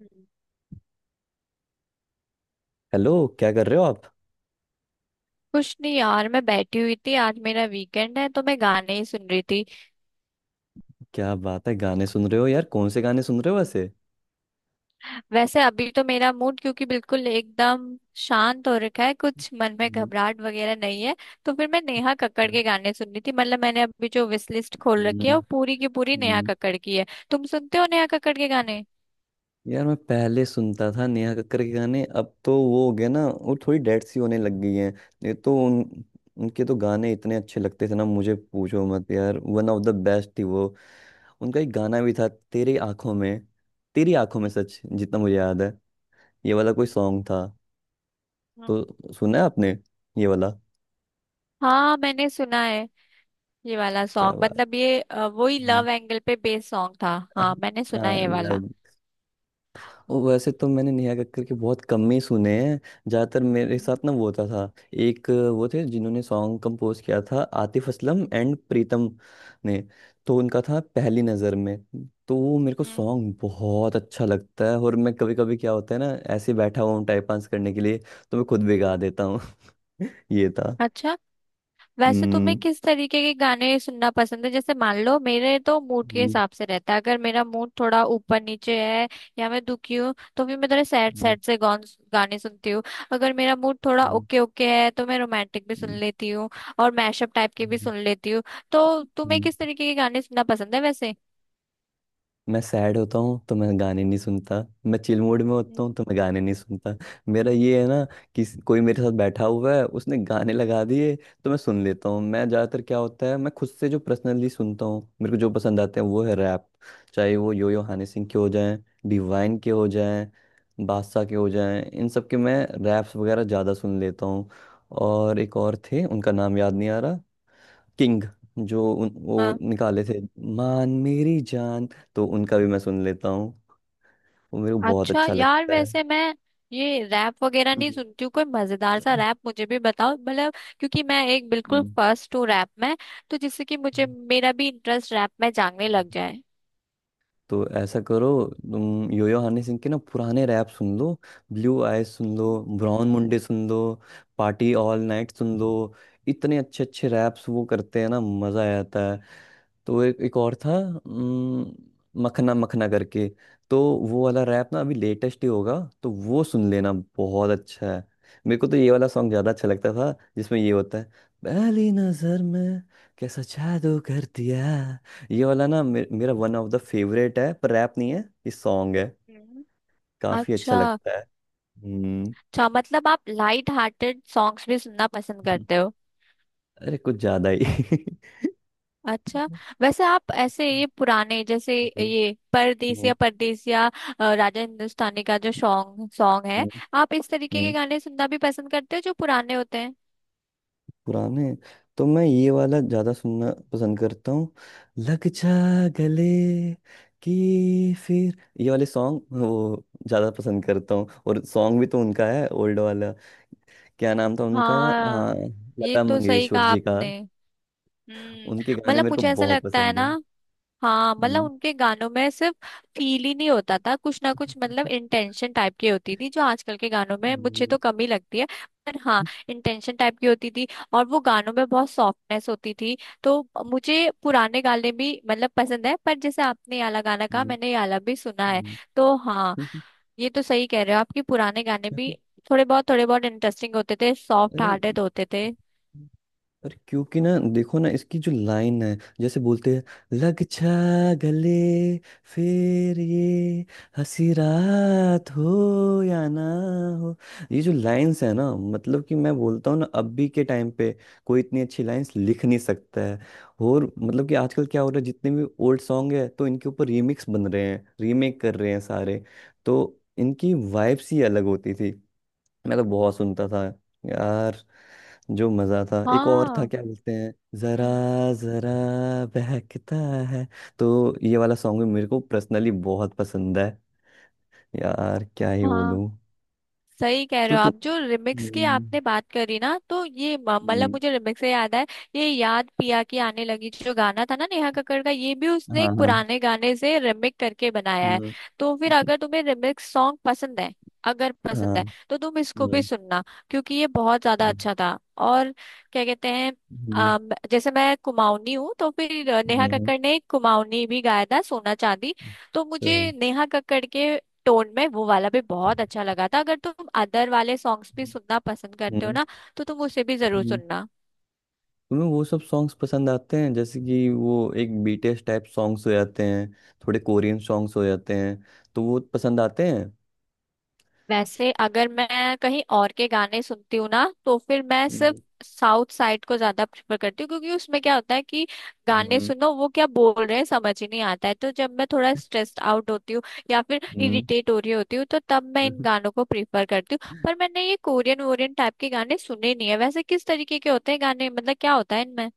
हम्म। Hello. क्या कर रहे हो आप? कुछ नहीं यार, मैं बैठी हुई थी। आज मेरा वीकेंड है तो मैं गाने ही सुन रही थी। क्या बात है, गाने सुन रहे हो यार? कौन से गाने सुन रहे हो वैसे? वैसे अभी तो मेरा मूड क्योंकि बिल्कुल एकदम शांत हो रखा है, कुछ मन में हम्म, घबराहट वगैरह नहीं है। तो फिर मैं नेहा कक्कड़ हम्म, के गाने सुन रही थी। मतलब मैंने अभी जो विश लिस्ट खोल हम्म रखी है वो पूरी की पूरी नेहा हम्म। कक्कड़ की है। तुम सुनते हो नेहा कक्कड़ के गाने? यार मैं पहले सुनता था नेहा कक्कर के गाने, अब तो वो हो गया ना, वो थोड़ी डेड सी होने लग गई हैं। नहीं तो उन उनके तो गाने इतने अच्छे लगते थे ना, मुझे पूछो मत यार, वन ऑफ द बेस्ट थी वो। उनका एक गाना भी था तेरी आंखों में, तेरी आंखों में सच जितना मुझे याद है, ये वाला कोई हम्म, सॉन्ग था। हाँ। तो सुना है आपने ये वाला? हाँ मैंने सुना है ये वाला क्या सॉन्ग। बात। मतलब ये वही हम्म। लव एंगल पे बेस्ड सॉन्ग था। हाँ मैंने सुना है ये हाँ, वाला। और वैसे तो मैंने नेहा कक्कड़ के बहुत कम ही सुने हैं। ज़्यादातर मेरे हम्म। साथ ना वो होता था, एक वो थे जिन्होंने सॉन्ग कंपोज किया था, आतिफ असलम एंड प्रीतम ने। तो उनका था पहली नज़र में, तो वो मेरे को हम्म। सॉन्ग बहुत अच्छा लगता है। और मैं कभी कभी क्या होता है ना, ऐसे बैठा हुआ हूँ टाइप आंस करने के लिए, तो मैं खुद भी गा देता हूँ। ये था। अच्छा, वैसे तुम्हें हम्म किस तरीके के गाने सुनना पसंद है? जैसे मान लो मेरे तो मूड के हम्म, हिसाब से रहता है। अगर मेरा मूड थोड़ा ऊपर नीचे है या मैं दुखी हूँ तो फिर मैं थोड़े सैड हम्म, सैड से गाने सुनती हूँ। अगर मेरा मूड थोड़ा हम्म, ओके ओके है तो मैं रोमांटिक भी सुन हम्म, लेती हूँ और मैशअप टाइप के भी हम्म, सुन लेती हूँ। तो तुम्हें हम्म। किस तरीके के गाने सुनना पसंद है वैसे? मैं सैड होता हूँ तो मैं गाने नहीं सुनता, मैं चिल मूड में होता हूँ हम्म। तो मैं गाने नहीं सुनता। मेरा ये है ना कि स- कोई मेरे साथ बैठा हुआ है, उसने गाने लगा दिए तो मैं सुन लेता हूँ। मैं ज़्यादातर क्या होता है, मैं खुद से जो पर्सनली सुनता हूँ, मेरे को जो पसंद आते हैं वो है रैप। चाहे वो यो यो हनी सिंह के हो जाएं, डिवाइन के हो जाएं, बादशाह के हो जाएं, इन सब के मैं रैप्स वगैरह ज़्यादा सुन लेता हूँ। और एक और थे, उनका नाम याद नहीं आ रहा, किंग। जो वो हाँ। निकाले थे, मान मेरी जान, तो उनका भी मैं सुन लेता हूँ, वो मेरे को बहुत अच्छा अच्छा यार, लगता है। वैसे मैं ये रैप वगैरह नहीं हम्म। सुनती हूँ। कोई मजेदार सा रैप मुझे भी बताओ, मतलब क्योंकि मैं एक बिल्कुल हम्म। फर्स्ट हूँ रैप में। तो जिससे कि मुझे मेरा भी इंटरेस्ट रैप में जागने लग जाए। तो ऐसा करो, तुम योयो हनी सिंह के ना पुराने रैप सुन लो, ब्लू आईज सुन लो, हम्म। ब्राउन मुंडे सुन लो, पार्टी ऑल नाइट सुन लो। इतने अच्छे अच्छे रैप्स वो करते हैं ना, मजा आ जाता है। तो एक एक और था मखना मखना करके, तो वो वाला रैप ना अभी लेटेस्ट ही होगा, तो वो सुन लेना, बहुत अच्छा है। मेरे को तो ये वाला सॉन्ग ज्यादा अच्छा लगता था जिसमें ये होता है, पहली नजर में कैसा जादू कर दिया। ये वाला ना मेरा वन ऑफ द फेवरेट है, पर रैप नहीं है, ये सॉन्ग है। हम्म। काफी अच्छा अच्छा। लगता है। हम्म। अच्छा मतलब आप लाइट हार्टेड सॉन्ग्स भी सुनना पसंद करते हो? अरे कुछ ज्यादा ही। अच्छा, वैसे आप ऐसे ये पुराने जैसे हम्म, ये हम्म, परदेसिया परदेसिया राजा हिंदुस्तानी का जो सॉन्ग सॉन्ग है, आप इस तरीके के हम्म, गाने सुनना भी पसंद करते हो जो पुराने होते हैं? पुराने, तो मैं ये वाला ज्यादा सुनना पसंद करता हूँ, लग जा गले। कि फिर ये वाले सॉन्ग वो ज्यादा पसंद करता हूँ, और सॉन्ग भी तो उनका है, ओल्ड वाला। क्या नाम था उनका? हाँ, हाँ, ये लता तो सही कहा मंगेशकर जी का। आपने। उनके हम्म। गाने मतलब मेरे को मुझे ऐसा बहुत लगता है पसंद ना, है। हाँ, मतलब हम्म, उनके गानों में सिर्फ फील ही नहीं होता था, कुछ ना कुछ मतलब इंटेंशन टाइप की होती थी जो आजकल के गानों में मुझे हम्म, तो कमी लगती है। पर हाँ, इंटेंशन टाइप की होती थी और वो गानों में बहुत सॉफ्टनेस होती थी। तो मुझे पुराने गाने भी मतलब पसंद है। पर जैसे आपने ये वाला गाना कहा, हम्म, मैंने ये वाला भी सुना है। हम्म, तो हाँ, हम्म, ये तो सही कह रहे हो आपके पुराने गाने भी हम्म, थोड़े बहुत इंटरेस्टिंग होते थे, सॉफ्ट अरे हार्टेड होते थे। अरे क्योंकि ना देखो ना, इसकी जो लाइन है जैसे बोलते हैं, लग छा गले, फिर ये हंसी रात हो या ना हो। ये जो लाइंस है ना, मतलब कि मैं बोलता हूँ ना, अभी के टाइम पे कोई इतनी अच्छी लाइंस लिख नहीं सकता है। और मतलब कि आजकल क्या हो रहा है, जितने भी ओल्ड सॉन्ग है तो इनके ऊपर रीमिक्स बन रहे हैं, रीमेक कर रहे हैं सारे। तो इनकी वाइब्स ही अलग होती थी। मैं तो बहुत सुनता था यार, जो मजा था। एक और था, हाँ। क्या बोलते हैं, जरा हम्म। जरा बहकता है, तो ये वाला सॉन्ग भी मेरे को पर्सनली बहुत पसंद है। यार क्या ही हाँ बोलूं। सही कह रहे तो हो तुम, आप, जो रिमिक्स की हम्म, आपने बात करी ना, तो ये मतलब हम्म, मुझे रिमिक्स से याद है, ये याद पिया की आने लगी जो गाना था ना नेहा कक्कड़ का, ये भी उसने हाँ एक हाँ। पुराने गाने से रिमिक करके बनाया है। हम्म, तो फिर अगर तुम्हें रिमिक्स सॉन्ग पसंद है, अगर हाँ पसंद है तो तुम इसको भी हम्म, सुनना क्योंकि ये बहुत ज्यादा हम्म, अच्छा था। और क्या कहते हैं, जैसे मैं कुमाऊनी हूँ तो फिर नेहा हम्म, कक्कड़ ने एक कुमाऊनी भी गाया था, सोना चांदी। तो मुझे हम्म, नेहा कक्कड़ के टोन में वो वाला भी बहुत अच्छा लगा था। अगर तुम अदर वाले सॉन्ग्स भी सुनना पसंद करते हो हम्म, ना, तो तुम उसे भी जरूर हम्म, सुनना। तुम्हें वो सब सॉन्ग्स पसंद आते हैं जैसे कि वो एक बीटीएस टाइप सॉन्ग्स हो जाते हैं, थोड़े कोरियन सॉन्ग्स हो जाते हैं, तो वो पसंद आते हैं? वैसे अगर मैं कहीं और के गाने सुनती हूँ ना, तो फिर मैं सिर्फ साउथ साइड को ज्यादा प्रेफर करती हूँ क्योंकि उसमें क्या होता है कि गाने हम्म सुनो वो क्या बोल रहे हैं समझ ही नहीं आता है। तो जब मैं थोड़ा स्ट्रेस्ड आउट होती हूँ या फिर हम्म। इरिटेट हो रही होती हूँ तो तब मैं इन गानों को प्रेफर करती हूँ। पर मैंने ये कोरियन वोरियन टाइप के गाने सुने नहीं है। वैसे किस तरीके के होते हैं गाने, मतलब क्या होता है इनमें?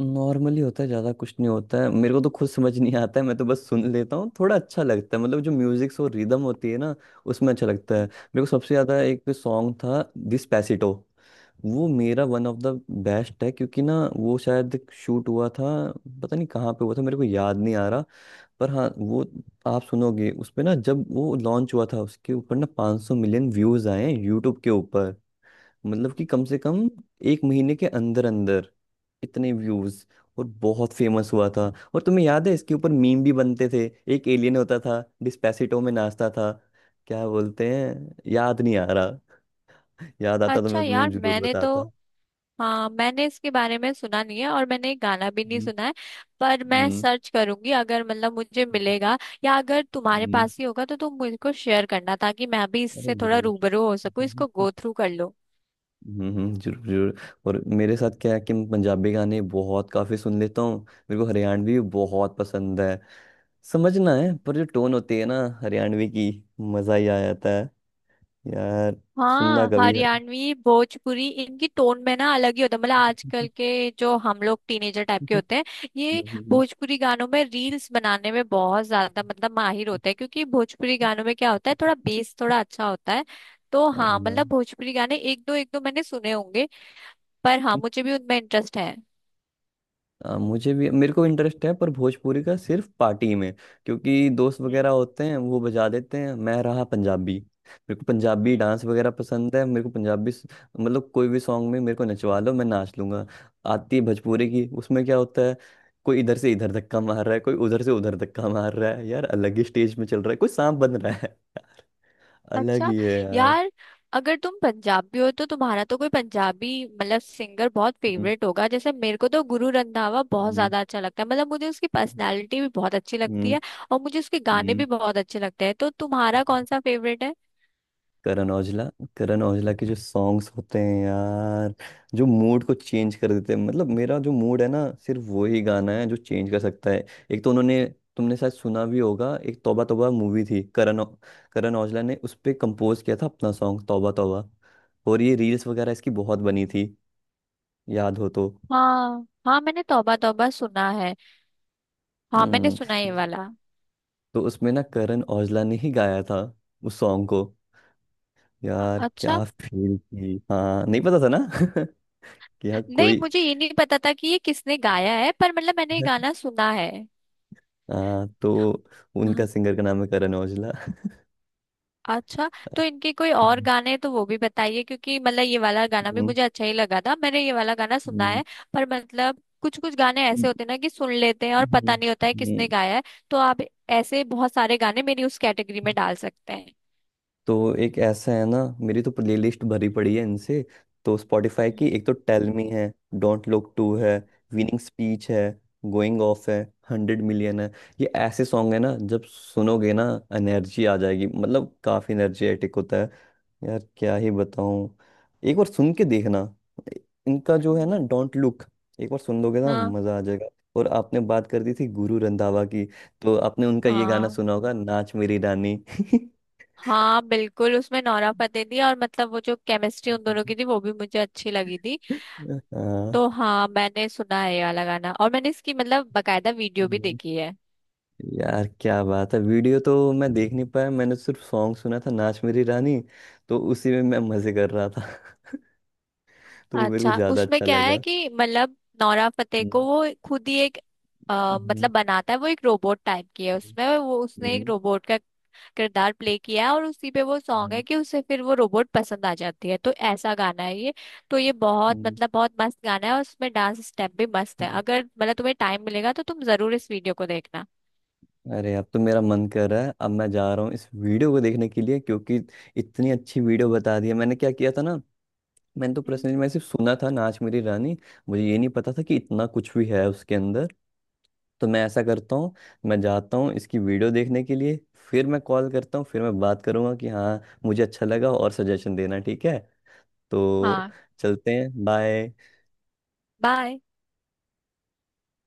नॉर्मली होता है, ज़्यादा कुछ नहीं होता है, मेरे को तो खुद समझ नहीं आता है, मैं तो बस सुन लेता हूँ। थोड़ा अच्छा लगता है, मतलब जो म्यूजिक और रिदम होती है ना, उसमें अच्छा लगता है। मेरे को सबसे ज़्यादा एक सॉन्ग था डिस्पैसिटो, वो मेरा वन ऑफ द बेस्ट है। क्योंकि ना वो शायद शूट हुआ था, पता नहीं कहाँ पे हुआ था, मेरे को याद नहीं आ रहा। पर हाँ वो, आप सुनोगे उस पे ना, जब वो लॉन्च हुआ था उसके ऊपर ना 500 मिलियन व्यूज आए हैं यूट्यूब के ऊपर। मतलब कि कम से कम एक महीने के अंदर अंदर इतने व्यूज, और बहुत फेमस हुआ था। और तुम्हें याद है, इसके ऊपर मीम भी बनते थे, एक एलियन होता था डिस्पेसिटो में नाचता था। क्या बोलते हैं, याद नहीं आ रहा, याद आता तो अच्छा मैं यार, तुम्हें जरूर मैंने तो, बताता। हाँ मैंने इसके बारे में सुना नहीं है और मैंने गाना भी नहीं हम्म। सुना है। पर मैं हम्म सर्च करूंगी अगर मतलब मुझे मिलेगा, या अगर तुम्हारे हम्म, पास ही होगा तो तुम मुझको शेयर करना ताकि मैं भी अरे इससे थोड़ा जरूर। रूबरू हो सकूं, इसको गो थ्रू कर लो। जरूर जरूर। और मेरे साथ क्या है कि मैं पंजाबी गाने बहुत काफी सुन लेता हूँ। मेरे को हरियाणवी भी बहुत पसंद है। समझना है, पर जो टोन होती है ना हरियाणवी की, मजा ही आ जाता है यार। सुनना हाँ, कभी है। हरियाणवी भोजपुरी इनकी टोन में ना अलग ही होता है। मतलब आजकल के जो हम लोग टीनेजर टाइप के हम्म, होते हैं, ये हम्म, भोजपुरी गानों में रील्स बनाने में बहुत ज्यादा मतलब माहिर होते हैं क्योंकि भोजपुरी गानों में क्या होता है थोड़ा बेस थोड़ा अच्छा होता है। तो हाँ हाँ। मतलब भोजपुरी गाने एक दो मैंने सुने होंगे। पर हाँ मुझे भी उनमें इंटरेस्ट है। मुझे भी, मेरे को इंटरेस्ट है, पर भोजपुरी का सिर्फ पार्टी में। क्योंकि दोस्त वगैरह होते हैं वो बजा देते हैं। मैं रहा पंजाबी, मेरे को पंजाबी हम्म। डांस वगैरह पसंद है, मेरे को पंजाबी स- मतलब कोई भी सॉन्ग में मेरे को नचवा लो मैं नाच लूंगा। आती है भोजपुरी की, उसमें क्या होता है, कोई इधर से इधर धक्का मार रहा है, कोई उधर से उधर धक्का मार रहा है, यार अलग ही स्टेज में चल रहा है, कोई सांप बन रहा है। अलग अच्छा ही है यार। यार, अगर तुम पंजाबी हो तो तुम्हारा तो कोई पंजाबी मतलब सिंगर बहुत हम्म फेवरेट होगा। जैसे मेरे को तो गुरु रंधावा बहुत हम्म ज्यादा अच्छा लगता है। मतलब मुझे उसकी पर्सनालिटी भी बहुत अच्छी लगती हम्म है और मुझे उसके गाने हम्म भी बहुत अच्छे लगते हैं। तो तुम्हारा कौन सा फेवरेट है? करण औजला, करण औजला के जो सॉन्ग्स होते हैं यार, जो मूड को चेंज कर देते हैं, मतलब मेरा जो मूड है ना, सिर्फ वो ही गाना है जो चेंज कर सकता है। एक तो उन्होंने, तुमने शायद सुना भी होगा, एक तौबा तौबा मूवी थी। करण औजला ने उस पे कंपोज किया था अपना सॉन्ग तौबा तौबा, और ये रील्स वगैरह इसकी बहुत बनी थी, याद हो तो। हाँ हाँ, मैंने तौबा तौबा सुना है। हाँ मैंने हम्म। सुना है ये वाला। तो उसमें ना करण औजला ने ही गाया था उस सॉन्ग को, यार अच्छा। क्या फील थी, हाँ नहीं पता था ना। कि यहाँ नहीं कोई। मुझे ये नहीं पता था कि ये किसने गाया है, पर मतलब मैंने ये गाना सुना है। हाँ, तो उनका सिंगर का नाम है करण औजला। अच्छा, तो इनके कोई और हम्म। गाने हैं तो वो भी बताइए क्योंकि मतलब ये वाला गाना भी हम्म, मुझे अच्छा ही लगा था, मैंने ये वाला गाना सुना हम्म, है। पर मतलब कुछ कुछ गाने ऐसे होते हैं ना कि सुन लेते हैं और हम्म, पता नहीं होता है किसने हम्म। गाया है। तो आप ऐसे बहुत सारे गाने मेरी उस कैटेगरी में डाल सकते हैं। तो एक ऐसा है ना, मेरी तो प्लेलिस्ट भरी पड़ी है इनसे। तो स्पॉटिफाई की, हम्म। एक तो टेल मी है, डोंट लुक टू है, हम्म। विनिंग स्पीच है, गोइंग ऑफ है, हंड्रेड मिलियन है। ये ऐसे सॉन्ग है ना, जब सुनोगे ना एनर्जी आ जाएगी, मतलब काफी एनर्जेटिक होता है। यार क्या ही बताऊं, एक बार सुन के देखना, इनका जो है ना हम्म। डोंट लुक, एक बार सुन लोगे ना हाँ। मजा आ जाएगा। और आपने बात कर दी थी गुरु रंधावा की, तो आपने उनका ये गाना हाँ। सुना होगा, नाच मेरी रानी। हाँ बिल्कुल, उसमें नोरा फतेही थी और मतलब वो जो केमिस्ट्री उन दोनों की थी वो भी मुझे अच्छी लगी थी। हाँ। तो हाँ मैंने सुना है ये वाला गाना और मैंने इसकी मतलब बकायदा वीडियो भी हम्म। देखी है। यार क्या बात है, वीडियो तो मैं देख नहीं पाया, मैंने सिर्फ सॉन्ग सुना था नाच मेरी रानी, तो उसी में मैं मजे कर रहा था। तो वो मेरे को अच्छा ज्यादा उसमें अच्छा क्या है लगा। कि मतलब नोरा फतेही हम्म को वो खुद ही एक हम्म मतलब बनाता है। वो एक रोबोट टाइप की है उसमें, वो उसने एक हम्म रोबोट का किरदार प्ले किया है और उसी पे वो सॉन्ग हम्म है कि उसे फिर वो रोबोट पसंद आ जाती है। तो ऐसा गाना है ये। तो ये बहुत हम्म, मतलब बहुत मस्त गाना है और उसमें डांस स्टेप भी मस्त है। हम्म, अगर मतलब तुम्हें टाइम मिलेगा तो तुम जरूर इस वीडियो को देखना। अरे अब तो मेरा मन कर रहा है, अब मैं जा रहा हूँ इस वीडियो को देखने के लिए, क्योंकि इतनी अच्छी वीडियो बता दी है। मैंने क्या किया था ना, मैंने तो हम्म, पर्सनली मैं सिर्फ सुना था नाच मेरी रानी, मुझे ये नहीं पता था कि इतना कुछ भी है उसके अंदर। तो मैं ऐसा करता हूँ, मैं जाता हूँ इसकी वीडियो देखने के लिए, फिर मैं कॉल करता हूँ, फिर मैं बात करूँगा कि हाँ मुझे अच्छा लगा, और सजेशन देना ठीक है? तो हाँ चलते हैं, बाय। बाय।